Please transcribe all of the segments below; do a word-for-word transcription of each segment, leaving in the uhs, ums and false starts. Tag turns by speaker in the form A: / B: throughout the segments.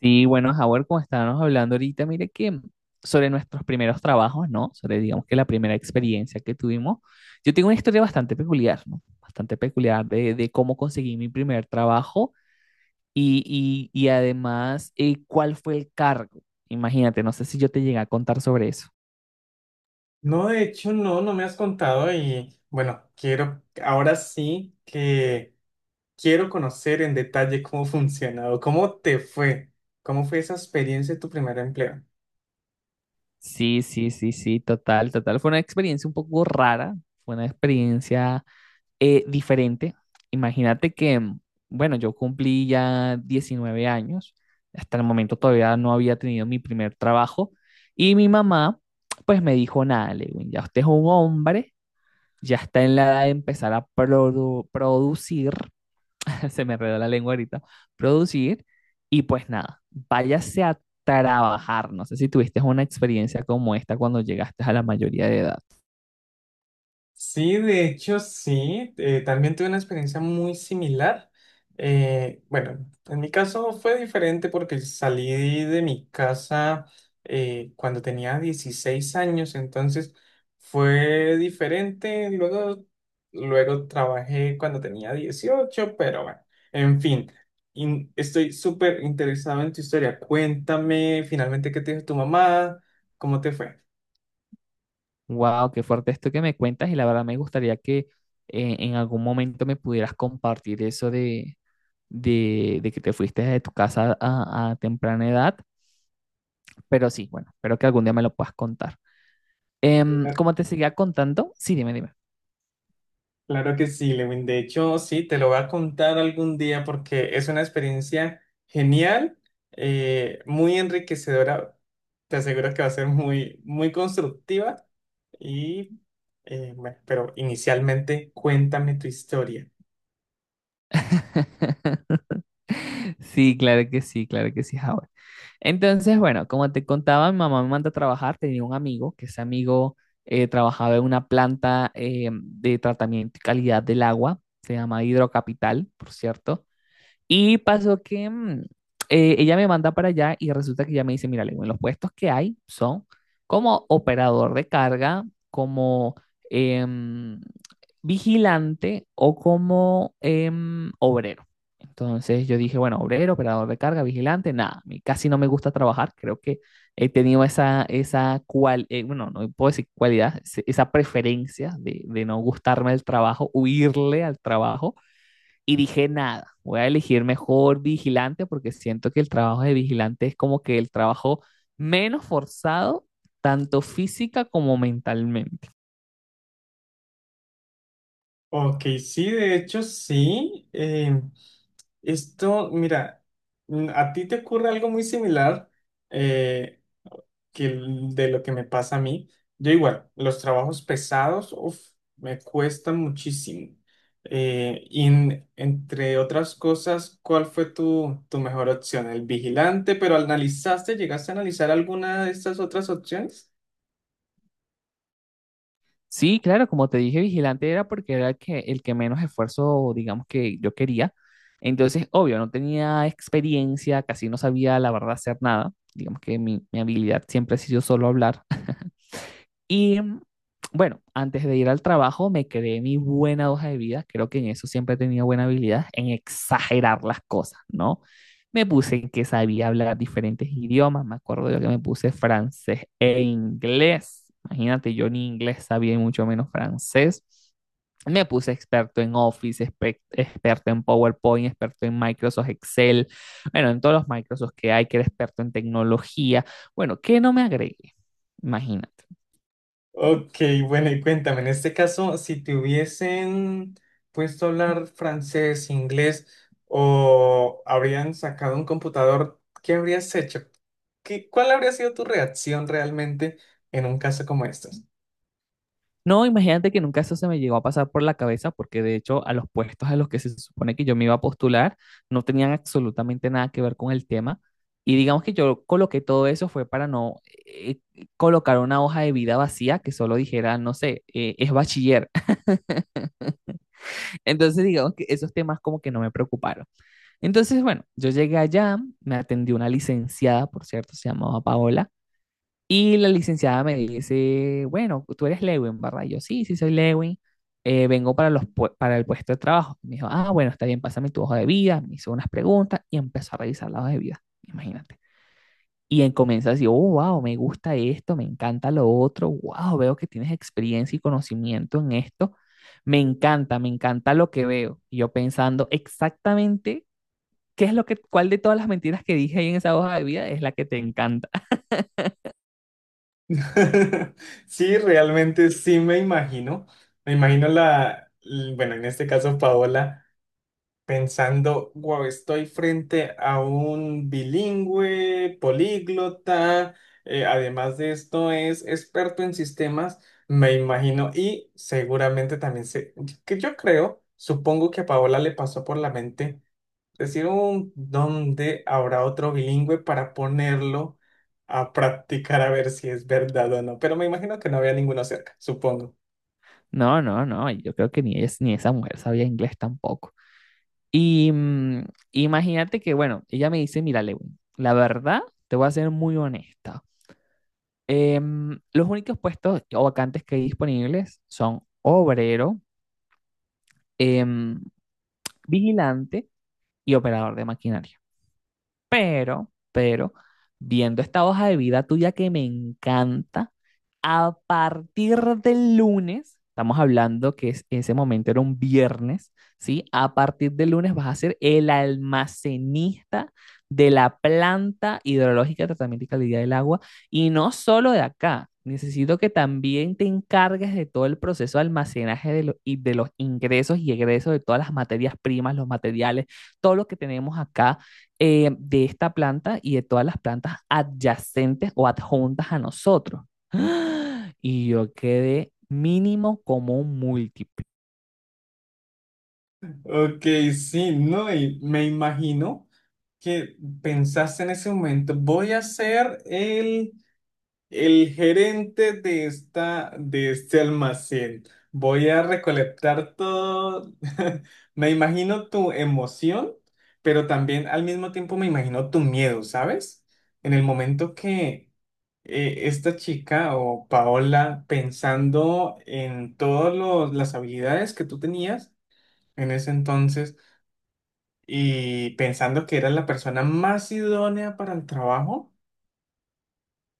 A: Sí, bueno, Howard, como estábamos hablando ahorita, mire que sobre nuestros primeros trabajos, ¿no? Sobre, digamos que la primera experiencia que tuvimos. Yo tengo una historia bastante peculiar, ¿no? Bastante peculiar de, de cómo conseguí mi primer trabajo y, y, y además eh, cuál fue el cargo. Imagínate, no sé si yo te llegué a contar sobre eso.
B: No, de hecho, no, no me has contado y bueno, quiero, ahora sí que quiero conocer en detalle cómo funcionó, cómo te fue, cómo fue esa experiencia de tu primer empleo.
A: Sí, sí, sí, sí, total, total. Fue una experiencia un poco rara, fue una experiencia eh, diferente. Imagínate que, bueno, yo cumplí ya diecinueve años, hasta el momento todavía no había tenido mi primer trabajo y mi mamá pues me dijo, nada, Lewin, ya usted es un hombre, ya está en la edad de empezar a produ- producir, se me enredó la lengua ahorita, producir y pues nada, váyase a trabajar. No sé si tuviste una experiencia como esta cuando llegaste a la mayoría de edad.
B: Sí, de hecho sí, eh, también tuve una experiencia muy similar. Eh, bueno, en mi caso fue diferente porque salí de mi casa eh, cuando tenía dieciséis años, entonces fue diferente. Luego, luego trabajé cuando tenía dieciocho, pero bueno, en fin, in- estoy súper interesado en tu historia. Cuéntame finalmente qué te dijo tu mamá, cómo te fue.
A: Wow, qué fuerte esto que me cuentas y la verdad me gustaría que eh, en algún momento me pudieras compartir eso de, de, de que te fuiste de tu casa a, a temprana edad, pero sí, bueno, espero que algún día me lo puedas contar. Em, como te seguía contando, sí, dime, dime.
B: Claro que sí, Lewin. De hecho, sí, te lo voy a contar algún día porque es una experiencia genial, eh, muy enriquecedora. Te aseguro que va a ser muy, muy constructiva y, eh, bueno, pero inicialmente cuéntame tu historia.
A: Sí, claro que sí, claro que sí, Howard. Entonces, bueno, como te contaba, mi mamá me manda a trabajar, tenía un amigo, que ese amigo eh, trabajaba en una planta eh, de tratamiento y calidad del agua, se llama Hidrocapital, por cierto. Y pasó que mm, eh, ella me manda para allá y resulta que ella me dice, mira, Lewin, los puestos que hay son como operador de carga, como em, vigilante o como em, obrero. Entonces yo dije, bueno, obrero, operador de carga, vigilante, nada, a mí casi no me gusta trabajar, creo que he tenido esa, esa cual, eh, bueno, no puedo decir cualidad, se- esa preferencia de, de no gustarme el trabajo, huirle al trabajo. Y dije, nada, voy a elegir mejor vigilante porque siento que el trabajo de vigilante es como que el trabajo menos forzado, tanto física como mentalmente.
B: Ok, sí, de hecho, sí. Eh, esto, mira, mm, a ti te ocurre algo muy similar. eh, que el- de lo que me pasa a mí. Yo igual, los trabajos pesados, uf, me cuestan muchísimo. Eh, y en- entre otras cosas, ¿cuál fue tu, tu mejor opción? ¿El vigilante? ¿Pero analizaste, llegaste a analizar alguna de estas otras opciones?
A: Sí, claro, como te dije, vigilante era porque era el que, el que menos esfuerzo, digamos que yo quería. Entonces, obvio, no tenía experiencia, casi no sabía la verdad hacer nada. Digamos que mi, mi habilidad siempre ha sido solo hablar. Y mm, bueno, antes de ir al trabajo me creé mi buena hoja de vida, creo que en eso siempre he tenido buena habilidad, en exagerar las cosas, ¿no? Me puse que sabía hablar diferentes idiomas, me acuerdo yo que me puse francés e inglés, imagínate, yo ni inglés sabía y mucho menos francés. Me puse experto en Office, expec- experto en PowerPoint, experto en Microsoft Excel, bueno, en todos los Microsoft que hay, que era experto en tecnología. Bueno, ¿qué no me agregué? Imagínate.
B: Ok, bueno, y cuéntame, en este caso, si te hubiesen puesto a hablar francés, inglés o habrían sacado un computador, ¿qué habrías hecho? ¿Qué- cuál habría sido tu reacción realmente en un caso como este?
A: No, imagínate que nunca eso se me llegó a pasar por la cabeza, porque de hecho a los puestos a los que se supone que yo me iba a postular no tenían absolutamente nada que ver con el tema. Y digamos que yo coloqué todo eso fue para no eh, eh, colocar una hoja de vida vacía que solo dijera, no sé, eh, es bachiller. Entonces digamos que esos temas como que no me preocuparon. Entonces, bueno, yo llegué allá, me atendió una licenciada, por cierto, se llamaba Paola. Y la licenciada me dice, bueno, tú eres Lewin, ¿verdad? Y yo, sí, sí soy Lewin, eh, vengo para, los, pue- para el puesto de trabajo. Me dijo, ah, bueno, está bien, pásame tu hoja de vida. Me hizo unas preguntas y empezó a revisar la hoja de vida, imagínate. Y él comienza así, oh, wow, me gusta esto, me encanta lo otro, wow, veo que tienes experiencia y conocimiento en esto, me encanta, me encanta lo que veo. Y yo pensando exactamente qué es lo que, cuál de todas las mentiras que dije ahí en esa hoja de vida es la que te encanta.
B: Sí, realmente sí me imagino. Me imagino la, l- bueno, en este caso Paola, pensando, wow, estoy frente a un bilingüe, políglota, eh, además de esto es experto en sistemas, me imagino, y seguramente también sé, que yo creo, supongo que a Paola le pasó por la mente decir, un ¿dónde habrá otro bilingüe para ponerlo a practicar a ver si es verdad o no? Pero me imagino que no había ninguno cerca, supongo.
A: No, no, no, yo creo que ni es ni esa mujer sabía inglés tampoco. Y mm, imagínate que, bueno, ella me dice, mira, Lewin, la verdad, te voy a ser muy honesta. Em, los únicos puestos o vacantes que hay disponibles son obrero, em, vigilante y operador de maquinaria. Pero, pero, viendo esta hoja de vida tuya que me encanta, a partir del lunes, estamos hablando que es- ese momento era un viernes, ¿sí? A partir del lunes vas a ser el almacenista de la planta hidrológica de tratamiento y calidad del agua, y no solo de acá. Necesito que también te encargues de todo el proceso de almacenaje de lo- y de los ingresos y egresos de todas las materias primas, los materiales, todo lo que tenemos acá eh, de esta planta y de todas las plantas adyacentes o adjuntas a nosotros. ¡Ah! Y yo quedé mínimo como un múltiple.
B: Ok, sí, no, y me imagino que pensaste en ese momento, voy a ser el, el gerente de esta, de este almacén, voy a recolectar todo. Me imagino tu emoción, pero también al mismo tiempo me imagino tu miedo, ¿sabes? En el momento que eh, esta chica o Paola, pensando en todas las habilidades que tú tenías en ese entonces, y pensando que eras la persona más idónea para el trabajo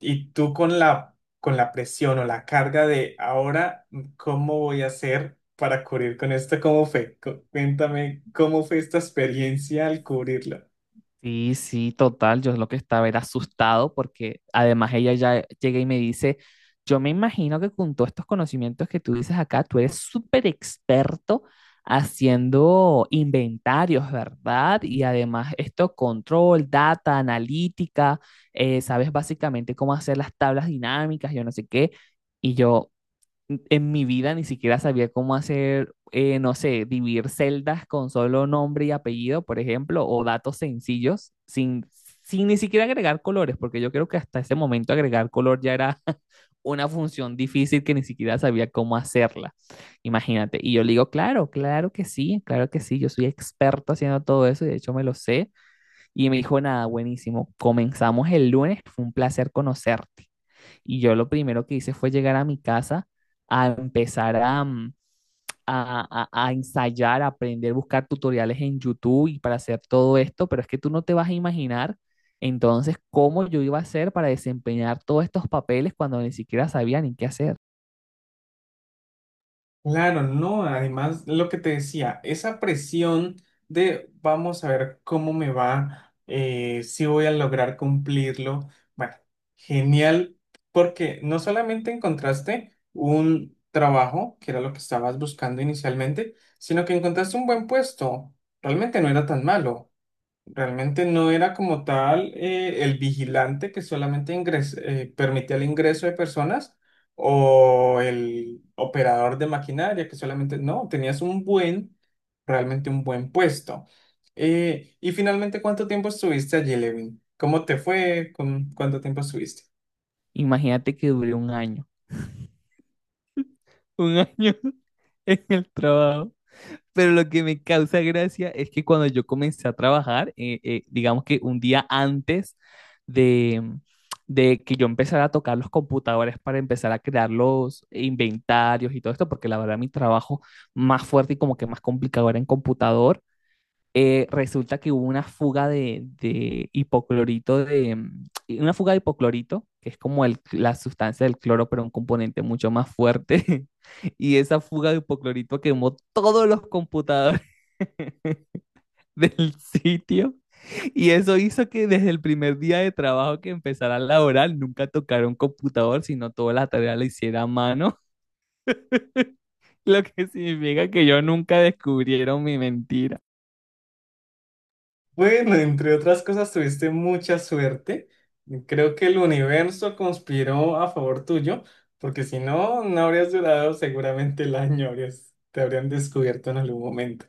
B: y tú con la, con la presión o la carga de ahora, ¿cómo voy a hacer para cubrir con esto? ¿Cómo fue? Cu- Cuéntame, ¿cómo fue esta experiencia al cubrirlo?
A: Sí, sí, total. Yo lo que estaba era asustado porque además ella ya llega y me dice, yo me imagino que con todos estos conocimientos que tú dices acá, tú eres súper experto haciendo inventarios, ¿verdad? Y además esto, control, data, analítica, eh, sabes básicamente cómo hacer las tablas dinámicas, yo no sé qué. Y yo, en mi vida ni siquiera sabía cómo hacer, eh, no sé, dividir celdas con solo nombre y apellido, por ejemplo, o datos sencillos, sin, sin ni siquiera agregar colores, porque yo creo que hasta ese momento agregar color ya era una función difícil que ni siquiera sabía cómo hacerla. Imagínate. Y yo le digo, claro, claro que sí, claro que sí, yo soy experto haciendo todo eso y de hecho me lo sé. Y me dijo, nada, buenísimo, comenzamos el lunes, fue un placer conocerte. Y yo lo primero que hice fue llegar a mi casa a empezar a, mm, a, a- a ensayar, a aprender, buscar tutoriales en YouTube y para hacer todo esto, pero es que tú no te vas a imaginar entonces cómo yo iba a hacer para desempeñar todos estos papeles cuando ni siquiera sabía ni qué hacer.
B: Claro, no, además lo que te decía, esa presión de vamos a ver cómo me va, eh, si voy a lograr cumplirlo. Bueno, genial, porque no solamente encontraste un trabajo, que era lo que estabas buscando inicialmente, sino que encontraste un buen puesto. Realmente no era tan malo. Realmente no era como tal eh, el vigilante que solamente ingres- eh, permitía el ingreso de personas o el operador de maquinaria que solamente, no, tenías un buen, realmente un buen puesto. Eh, y finalmente, ¿cuánto tiempo estuviste allí, Levin? ¿Cómo te fue? ¿Con cuánto tiempo estuviste?
A: Imagínate que duré un año, un año en el trabajo. Pero lo que me causa gracia es que cuando yo comencé a trabajar, eh, eh, digamos que un día antes de, mm, de que yo empezara a tocar los computadores para empezar a crear los inventarios y todo esto, porque la verdad mi trabajo más fuerte y como que más complicado era en computador, eh, resulta que hubo una fuga de, de hipoclorito de mm, una fuga de hipoclorito, que es como el- la sustancia del cloro, pero un componente mucho más fuerte. Y esa fuga de hipoclorito quemó todos los computadores del sitio. Y eso hizo que desde el primer día de trabajo que empezara a laborar, nunca tocara un computador, sino toda la tarea la hiciera a mano, lo que significa que yo nunca descubrieron mi mentira.
B: Bueno, entre otras cosas, tuviste mucha suerte. Creo que el universo conspiró a favor tuyo, porque si no, no habrías durado seguramente el año, habrías- te habrían descubierto en algún momento.